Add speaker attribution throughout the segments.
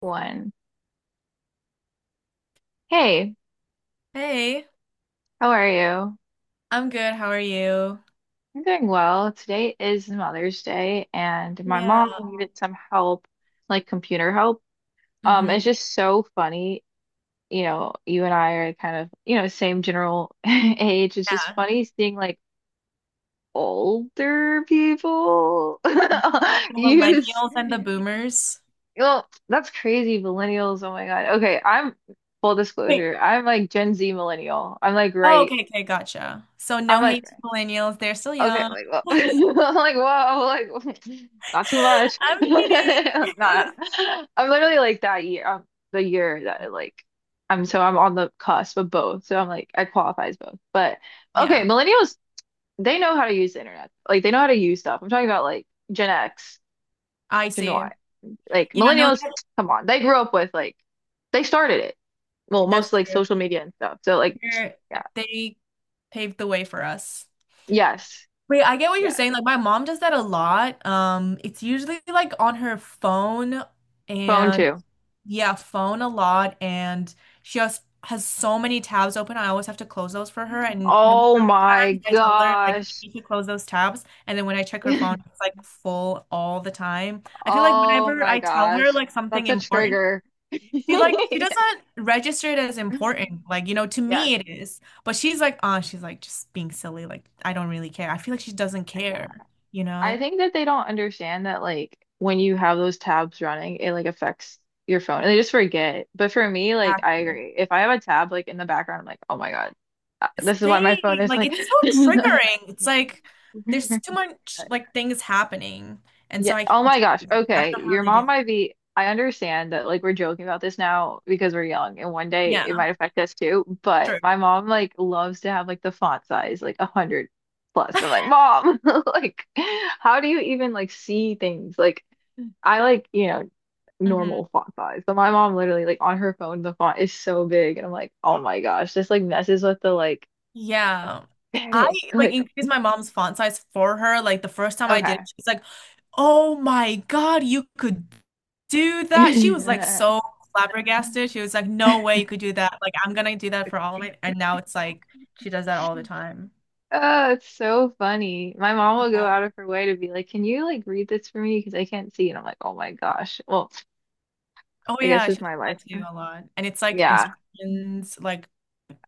Speaker 1: One. Hey,
Speaker 2: Hey,
Speaker 1: how are you?
Speaker 2: I'm good. How are you?
Speaker 1: I'm doing well. Today is Mother's Day, and my
Speaker 2: Yeah.
Speaker 1: mom needed some help, like computer help.
Speaker 2: Hmm.
Speaker 1: It's just so funny. You know, you and I are kind of, you know, same general age. It's just
Speaker 2: Yeah.
Speaker 1: funny seeing like older people
Speaker 2: Mhm. The
Speaker 1: use.
Speaker 2: millennials and the boomers.
Speaker 1: Well, that's crazy, millennials. Oh my God. Okay, I'm full
Speaker 2: Wait.
Speaker 1: disclosure. I'm like Gen Z millennial. I'm like
Speaker 2: Oh,
Speaker 1: right.
Speaker 2: okay, okay, gotcha. So
Speaker 1: I'm
Speaker 2: no
Speaker 1: like
Speaker 2: hate to millennials. They're still
Speaker 1: okay,
Speaker 2: young.
Speaker 1: like, well, I'm like, whoa, like, not too much.
Speaker 2: I'm
Speaker 1: Nah,
Speaker 2: kidding.
Speaker 1: I'm literally like that year, the year that I, like, I'm on the cusp of both. So I'm like, I qualify as both. But okay,
Speaker 2: Yeah,
Speaker 1: millennials, they know how to use the internet. Like, they know how to use stuff. I'm talking about like Gen X,
Speaker 2: I
Speaker 1: Gen
Speaker 2: see.
Speaker 1: Y. Like,
Speaker 2: Yeah, no,
Speaker 1: millennials, come on, they grew up with like, they started it. Well,
Speaker 2: that's
Speaker 1: most like
Speaker 2: true.
Speaker 1: social media and stuff. So like,
Speaker 2: They're,
Speaker 1: yeah,
Speaker 2: they paved the way for us.
Speaker 1: yes,
Speaker 2: Wait, I get what you're
Speaker 1: yeah,
Speaker 2: saying. Like my mom does that a lot. It's usually like on her phone
Speaker 1: phone
Speaker 2: and
Speaker 1: too.
Speaker 2: yeah, phone a lot, and she has so many tabs open. I always have to close those for her, and no matter
Speaker 1: Oh
Speaker 2: how many times
Speaker 1: my
Speaker 2: I tell her like
Speaker 1: gosh.
Speaker 2: you should close those tabs, and then when I check her phone, it's like full all the time. I feel like
Speaker 1: Oh
Speaker 2: whenever
Speaker 1: my
Speaker 2: I tell
Speaker 1: gosh.
Speaker 2: her like something
Speaker 1: That's a
Speaker 2: important,
Speaker 1: trigger.
Speaker 2: she's like she doesn't register it as important. Like you know, to
Speaker 1: Yes.
Speaker 2: me it is, but she's like, oh, she's like just being silly. Like I don't really care. I feel like she doesn't
Speaker 1: Yeah.
Speaker 2: care. You
Speaker 1: I
Speaker 2: know?
Speaker 1: think that they don't understand that like when you have those tabs running, it like affects your phone and they just forget. But for me, like I
Speaker 2: Exactly.
Speaker 1: agree. If I have a tab like in the background, I'm like, oh my God, this is why my phone
Speaker 2: Same.
Speaker 1: is
Speaker 2: Like
Speaker 1: like
Speaker 2: it's so triggering. It's like there's too much like things happening, and
Speaker 1: Yeah.
Speaker 2: so I
Speaker 1: Oh
Speaker 2: can't
Speaker 1: my
Speaker 2: do
Speaker 1: gosh.
Speaker 2: it. I don't
Speaker 1: Okay.
Speaker 2: know how
Speaker 1: Your
Speaker 2: they do.
Speaker 1: mom might be, I understand that like we're joking about this now because we're young and one day
Speaker 2: Yeah,
Speaker 1: it might affect us too. But
Speaker 2: true.
Speaker 1: my mom like loves to have like the font size like a hundred plus. And I'm like, Mom, like how do you even like see things? Like I like, you know,
Speaker 2: Hmm.
Speaker 1: normal font size. But my mom literally like on her phone the font is so big and I'm like, oh my gosh, this like messes with the like
Speaker 2: Yeah. I
Speaker 1: aesthetic.
Speaker 2: like
Speaker 1: Like
Speaker 2: increased my mom's font size for her. Like the first time I did it, she was like, "Oh my God, you could do that." She was like
Speaker 1: okay.
Speaker 2: so flabbergasted. She was like, "No way you could do that. Like I'm gonna do that for all of it." And now it's like she does that all the time.
Speaker 1: Oh, it's so funny. My mom will go
Speaker 2: Yeah.
Speaker 1: out of her way to be like, "Can you like read this for me? Because I can't see." And I'm like, "Oh my gosh." Well,
Speaker 2: Oh
Speaker 1: I guess
Speaker 2: yeah,
Speaker 1: it's
Speaker 2: she does
Speaker 1: my life.
Speaker 2: that too a lot. And it's like
Speaker 1: Yeah.
Speaker 2: instructions,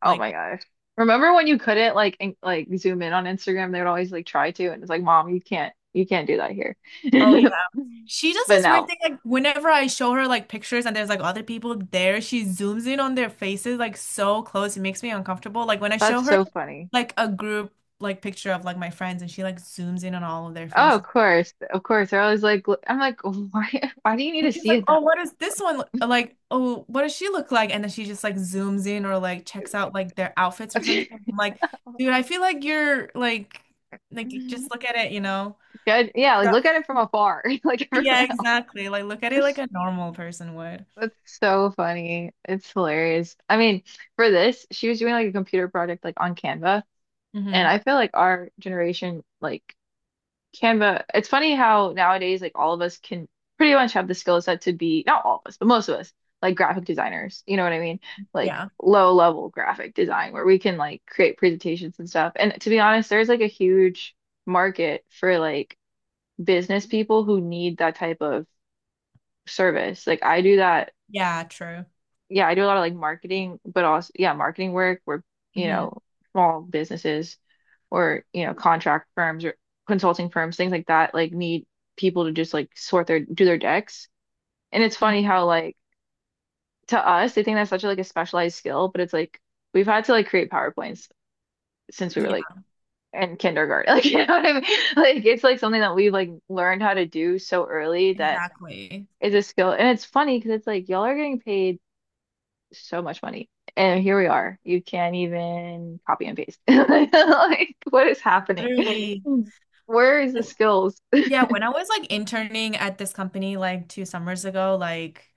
Speaker 1: Oh
Speaker 2: like
Speaker 1: my gosh. Remember when you couldn't like in like zoom in on Instagram? They would always like try to, and it's like, "Mom, you can't do that here."
Speaker 2: oh yeah. She does
Speaker 1: But
Speaker 2: this weird
Speaker 1: no,
Speaker 2: thing like whenever I show her like pictures and there's like other people there, she zooms in on their faces like so close. It makes me uncomfortable. Like when I show
Speaker 1: that's
Speaker 2: her
Speaker 1: so funny.
Speaker 2: like a group like picture of like my friends and she like zooms in on all of their
Speaker 1: Oh, of
Speaker 2: faces.
Speaker 1: course, of course. They're always like, I'm like, why? Why do you need to
Speaker 2: And she's
Speaker 1: see
Speaker 2: like,
Speaker 1: it
Speaker 2: "Oh,
Speaker 1: that?
Speaker 2: what does this one look like? Oh, what does she look like?" And then she just like zooms in or like checks out like their outfits or something. I'm like, "Dude, I feel like you're like just look at it, you know?"
Speaker 1: Good. Yeah, like look at it from afar, like
Speaker 2: Yeah,
Speaker 1: everyone
Speaker 2: exactly. Like look at it like
Speaker 1: else.
Speaker 2: a normal person would.
Speaker 1: That's so funny. It's hilarious. I mean, for this, she was doing like a computer project like on Canva, and
Speaker 2: Hmm.
Speaker 1: I feel like our generation like Canva, it's funny how nowadays like all of us can pretty much have the skill set to be not all of us, but most of us like graphic designers, you know what I mean? Like
Speaker 2: Yeah.
Speaker 1: low level graphic design where we can like create presentations and stuff. And to be honest, there's like a huge market for like business people who need that type of service. Like I do that
Speaker 2: Yeah, true.
Speaker 1: yeah, I do a lot of like marketing, but also yeah, marketing work where, you
Speaker 2: Hmm.
Speaker 1: know, small businesses or, you know, contract firms or consulting firms, things like that, like need people to just like sort their do their decks. And it's funny how like to us they think that's such a, like a specialized skill, but it's like we've had to like create PowerPoints since we were
Speaker 2: Yeah,
Speaker 1: like in kindergarten. Like you know what I mean? Like it's like something that we've like learned how to do so early that
Speaker 2: exactly.
Speaker 1: it's a skill. And it's funny because it's like y'all are getting paid so much money. And here we are. You can't even copy and paste. Like, what is happening?
Speaker 2: Literally.
Speaker 1: Where is the skills?
Speaker 2: Yeah, when I was like interning at this company like two summers ago, like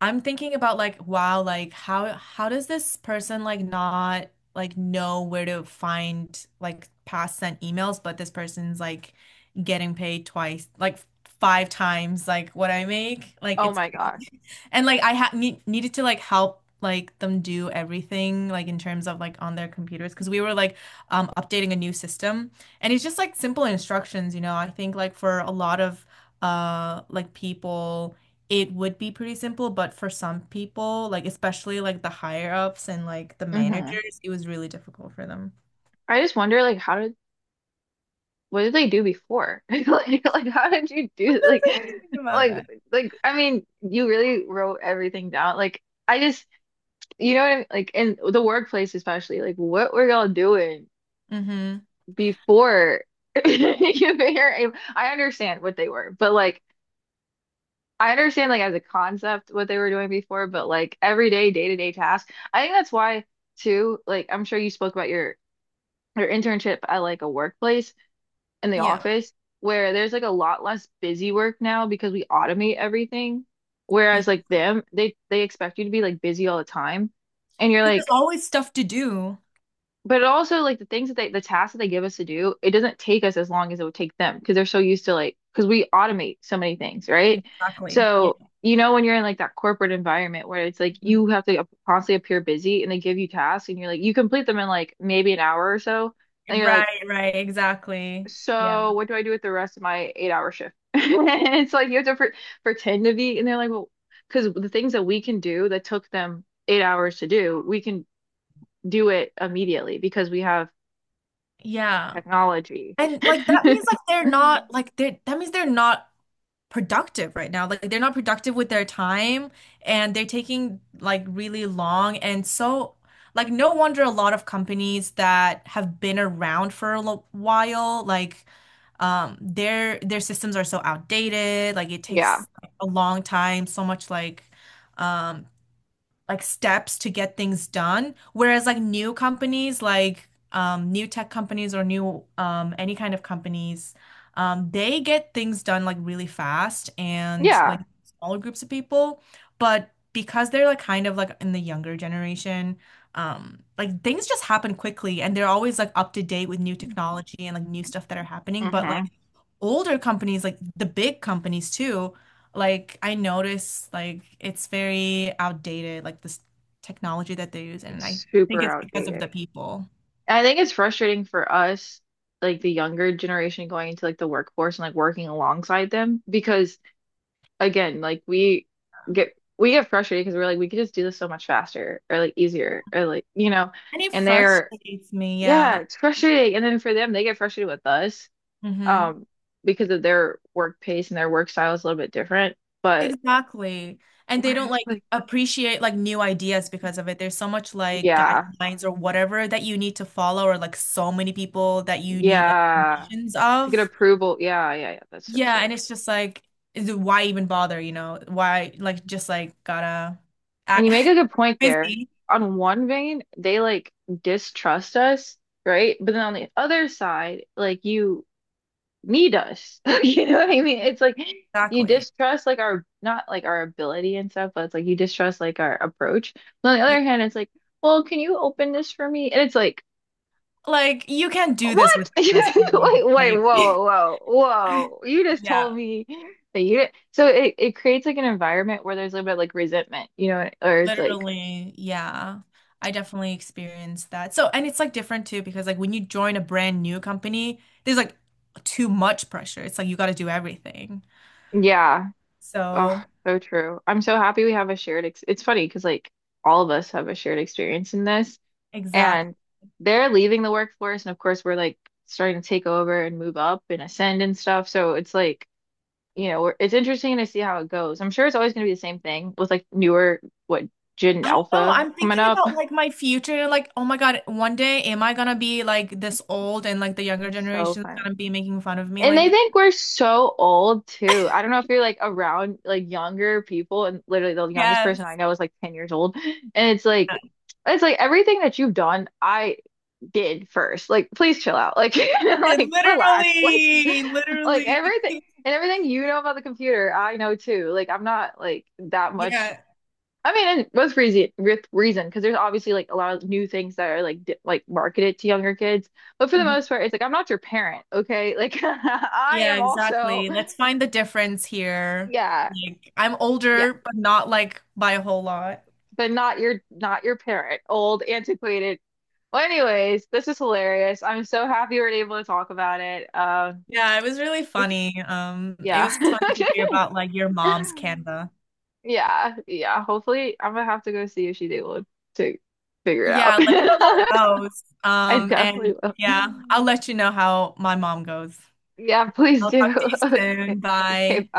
Speaker 2: I'm thinking about like, wow, like how does this person like not like know where to find like past sent emails, but this person's like getting paid twice, like five times like what I make. Like
Speaker 1: Oh
Speaker 2: it's
Speaker 1: my
Speaker 2: crazy.
Speaker 1: God.
Speaker 2: And like I ha need needed to like help like them do everything like in terms of like on their computers because we were like updating a new system and it's just like simple instructions, you know. I think like for a lot of like people it would be pretty simple, but for some people, like especially like the higher ups and like the
Speaker 1: Hmm
Speaker 2: managers, it was really difficult for them.
Speaker 1: I just wonder, like, how did, what did they do before? Like, how did you do,
Speaker 2: Sometimes
Speaker 1: like,
Speaker 2: I do think about
Speaker 1: like,
Speaker 2: that.
Speaker 1: like, I mean, you really wrote everything down. Like, I just, you know what I mean? Like, in the workplace especially, like, what were y'all doing
Speaker 2: Mm-hmm.
Speaker 1: before you were able, I understand what they were, but like, I understand like as a concept what they were doing before, but like everyday day-to-day tasks. I think that's why too, like I'm sure you spoke about your internship at like a workplace in the
Speaker 2: Yeah.
Speaker 1: office where there's like a lot less busy work now because we automate everything. Whereas like them, they expect you to be like busy all the time. And you're
Speaker 2: Because there's
Speaker 1: like,
Speaker 2: always stuff to do.
Speaker 1: but also like the things that they, the tasks that they give us to do, it doesn't take us as long as it would take them because they're so used to like, because we automate so many things, right?
Speaker 2: Exactly. Yeah.
Speaker 1: So, you know, when you're in like that corporate environment where it's like
Speaker 2: Mhm.
Speaker 1: you have to constantly appear busy and they give you tasks and you're like, you complete them in like maybe an hour or so. And you're like,
Speaker 2: Right, right, exactly. Yeah.
Speaker 1: so what do I do with the rest of my 8 hour shift? And it's like you have to pretend to be, and they're like, well, because the things that we can do that took them 8 hours to do, we can do it immediately because we have
Speaker 2: Yeah.
Speaker 1: technology.
Speaker 2: And like that means like they're not like they that means they're not productive right now. Like they're not productive with their time and they're taking like really long and so like no wonder a lot of companies that have been around for a lo- while like their systems are so outdated. Like it
Speaker 1: Yeah.
Speaker 2: takes a long time, so much um like steps to get things done. Whereas like new companies, like new tech companies or new any kind of companies, they get things done like really fast and like
Speaker 1: Yeah.
Speaker 2: smaller groups of people. But because they're like kind of like in the younger generation, like things just happen quickly and they're always like up to date with new technology and like new stuff that are happening. But
Speaker 1: hmm
Speaker 2: like older companies, like the big companies too, like I notice like it's very outdated, like this technology that they use,
Speaker 1: It's
Speaker 2: and I think
Speaker 1: super
Speaker 2: it's because of
Speaker 1: outdated.
Speaker 2: the people.
Speaker 1: And I think it's frustrating for us, like the younger generation going into like the workforce and like working alongside them because again, like we get frustrated because we're like we could just do this so much faster or like easier or like you know,
Speaker 2: And it
Speaker 1: and they're
Speaker 2: frustrates me,
Speaker 1: yeah,
Speaker 2: yeah.
Speaker 1: it's frustrating. And then for them, they get frustrated with us
Speaker 2: Hmm.
Speaker 1: um because of their work pace and their work style is a little bit different, but
Speaker 2: Exactly. And
Speaker 1: we're
Speaker 2: they don't
Speaker 1: just
Speaker 2: like
Speaker 1: like
Speaker 2: appreciate like new ideas because of it. There's so much like
Speaker 1: yeah.
Speaker 2: guidelines or whatever that you need to follow, or like so many people that you need like
Speaker 1: Yeah.
Speaker 2: permissions
Speaker 1: To get
Speaker 2: of.
Speaker 1: approval. Yeah, yeah, yeah. That's so true.
Speaker 2: Yeah, and it's just like, is it- why even bother, you know? Why, like, just like, gotta
Speaker 1: And you
Speaker 2: act
Speaker 1: make a good point there.
Speaker 2: busy.
Speaker 1: On one vein, they like distrust us, right? But then on the other side, like you need us. You know what I mean? It's like you
Speaker 2: Exactly.
Speaker 1: distrust like our not like our ability and stuff, but it's like you distrust like our approach. But on the
Speaker 2: Yeah.
Speaker 1: other hand, it's like, well, can you open this for me? And it's like
Speaker 2: Like, you can't do this
Speaker 1: what?
Speaker 2: without us, dude.
Speaker 1: Wait, wait,
Speaker 2: Like,
Speaker 1: whoa, whoa, whoa. You just
Speaker 2: yeah,
Speaker 1: told me that you did so it creates like an environment where there's a little bit like resentment, you know, or it's like,
Speaker 2: literally. Yeah. I definitely experienced that. So, and it's like different too, because like when you join a brand new company, there's like too much pressure. It's like you gotta do everything.
Speaker 1: yeah, oh,
Speaker 2: So,
Speaker 1: so true. I'm so happy we have a shared ex it's funny because like all of us have a shared experience in this
Speaker 2: exactly.
Speaker 1: and they're leaving the workforce and of course we're like starting to take over and move up and ascend and stuff. So it's like, you know, we're, it's interesting to see how it goes. I'm sure it's always going to be the same thing with like newer what Gen
Speaker 2: I don't know.
Speaker 1: Alpha
Speaker 2: I'm
Speaker 1: coming
Speaker 2: thinking
Speaker 1: up
Speaker 2: about like my future. Like, oh my God, one day am I gonna be like this old and like the younger
Speaker 1: so
Speaker 2: generation's
Speaker 1: funny.
Speaker 2: gonna be making fun of me
Speaker 1: And
Speaker 2: like
Speaker 1: they
Speaker 2: this?
Speaker 1: think we're so old too. I don't know if you're like around like younger people, and literally the youngest person I
Speaker 2: Yes.
Speaker 1: know is like 10 years old. And it's like everything that you've done, I did first. Like, please chill out. Like, you know, like relax.
Speaker 2: Literally,
Speaker 1: Like
Speaker 2: literally.
Speaker 1: everything and everything you know about the computer, I know too. Like, I'm not like that much
Speaker 2: Yeah.
Speaker 1: I mean, and with reason, because there's obviously like a lot of new things that are like di like marketed to younger kids. But for the
Speaker 2: Mhm.
Speaker 1: most part, it's like I'm not your parent, okay? Like I
Speaker 2: Yeah,
Speaker 1: am also,
Speaker 2: exactly. Let's find the difference here.
Speaker 1: yeah,
Speaker 2: Like, I'm
Speaker 1: yeah,
Speaker 2: older, but not like by a whole lot.
Speaker 1: but not your not your parent, old, antiquated. Well, anyways, this is hilarious. I'm so happy we are able to talk about it.
Speaker 2: Yeah, it was really
Speaker 1: We should-
Speaker 2: funny. It
Speaker 1: yeah,
Speaker 2: was funny to hear about like your mom's Canva.
Speaker 1: yeah, yeah. Hopefully, I'm gonna have to go see if she's able to figure it out.
Speaker 2: Yeah, let me know how it goes.
Speaker 1: I
Speaker 2: And
Speaker 1: definitely will.
Speaker 2: yeah, I'll let you know how my mom goes.
Speaker 1: Yeah, please
Speaker 2: I'll
Speaker 1: do.
Speaker 2: talk to you
Speaker 1: Okay,
Speaker 2: soon.
Speaker 1: okay,
Speaker 2: Bye.
Speaker 1: bye.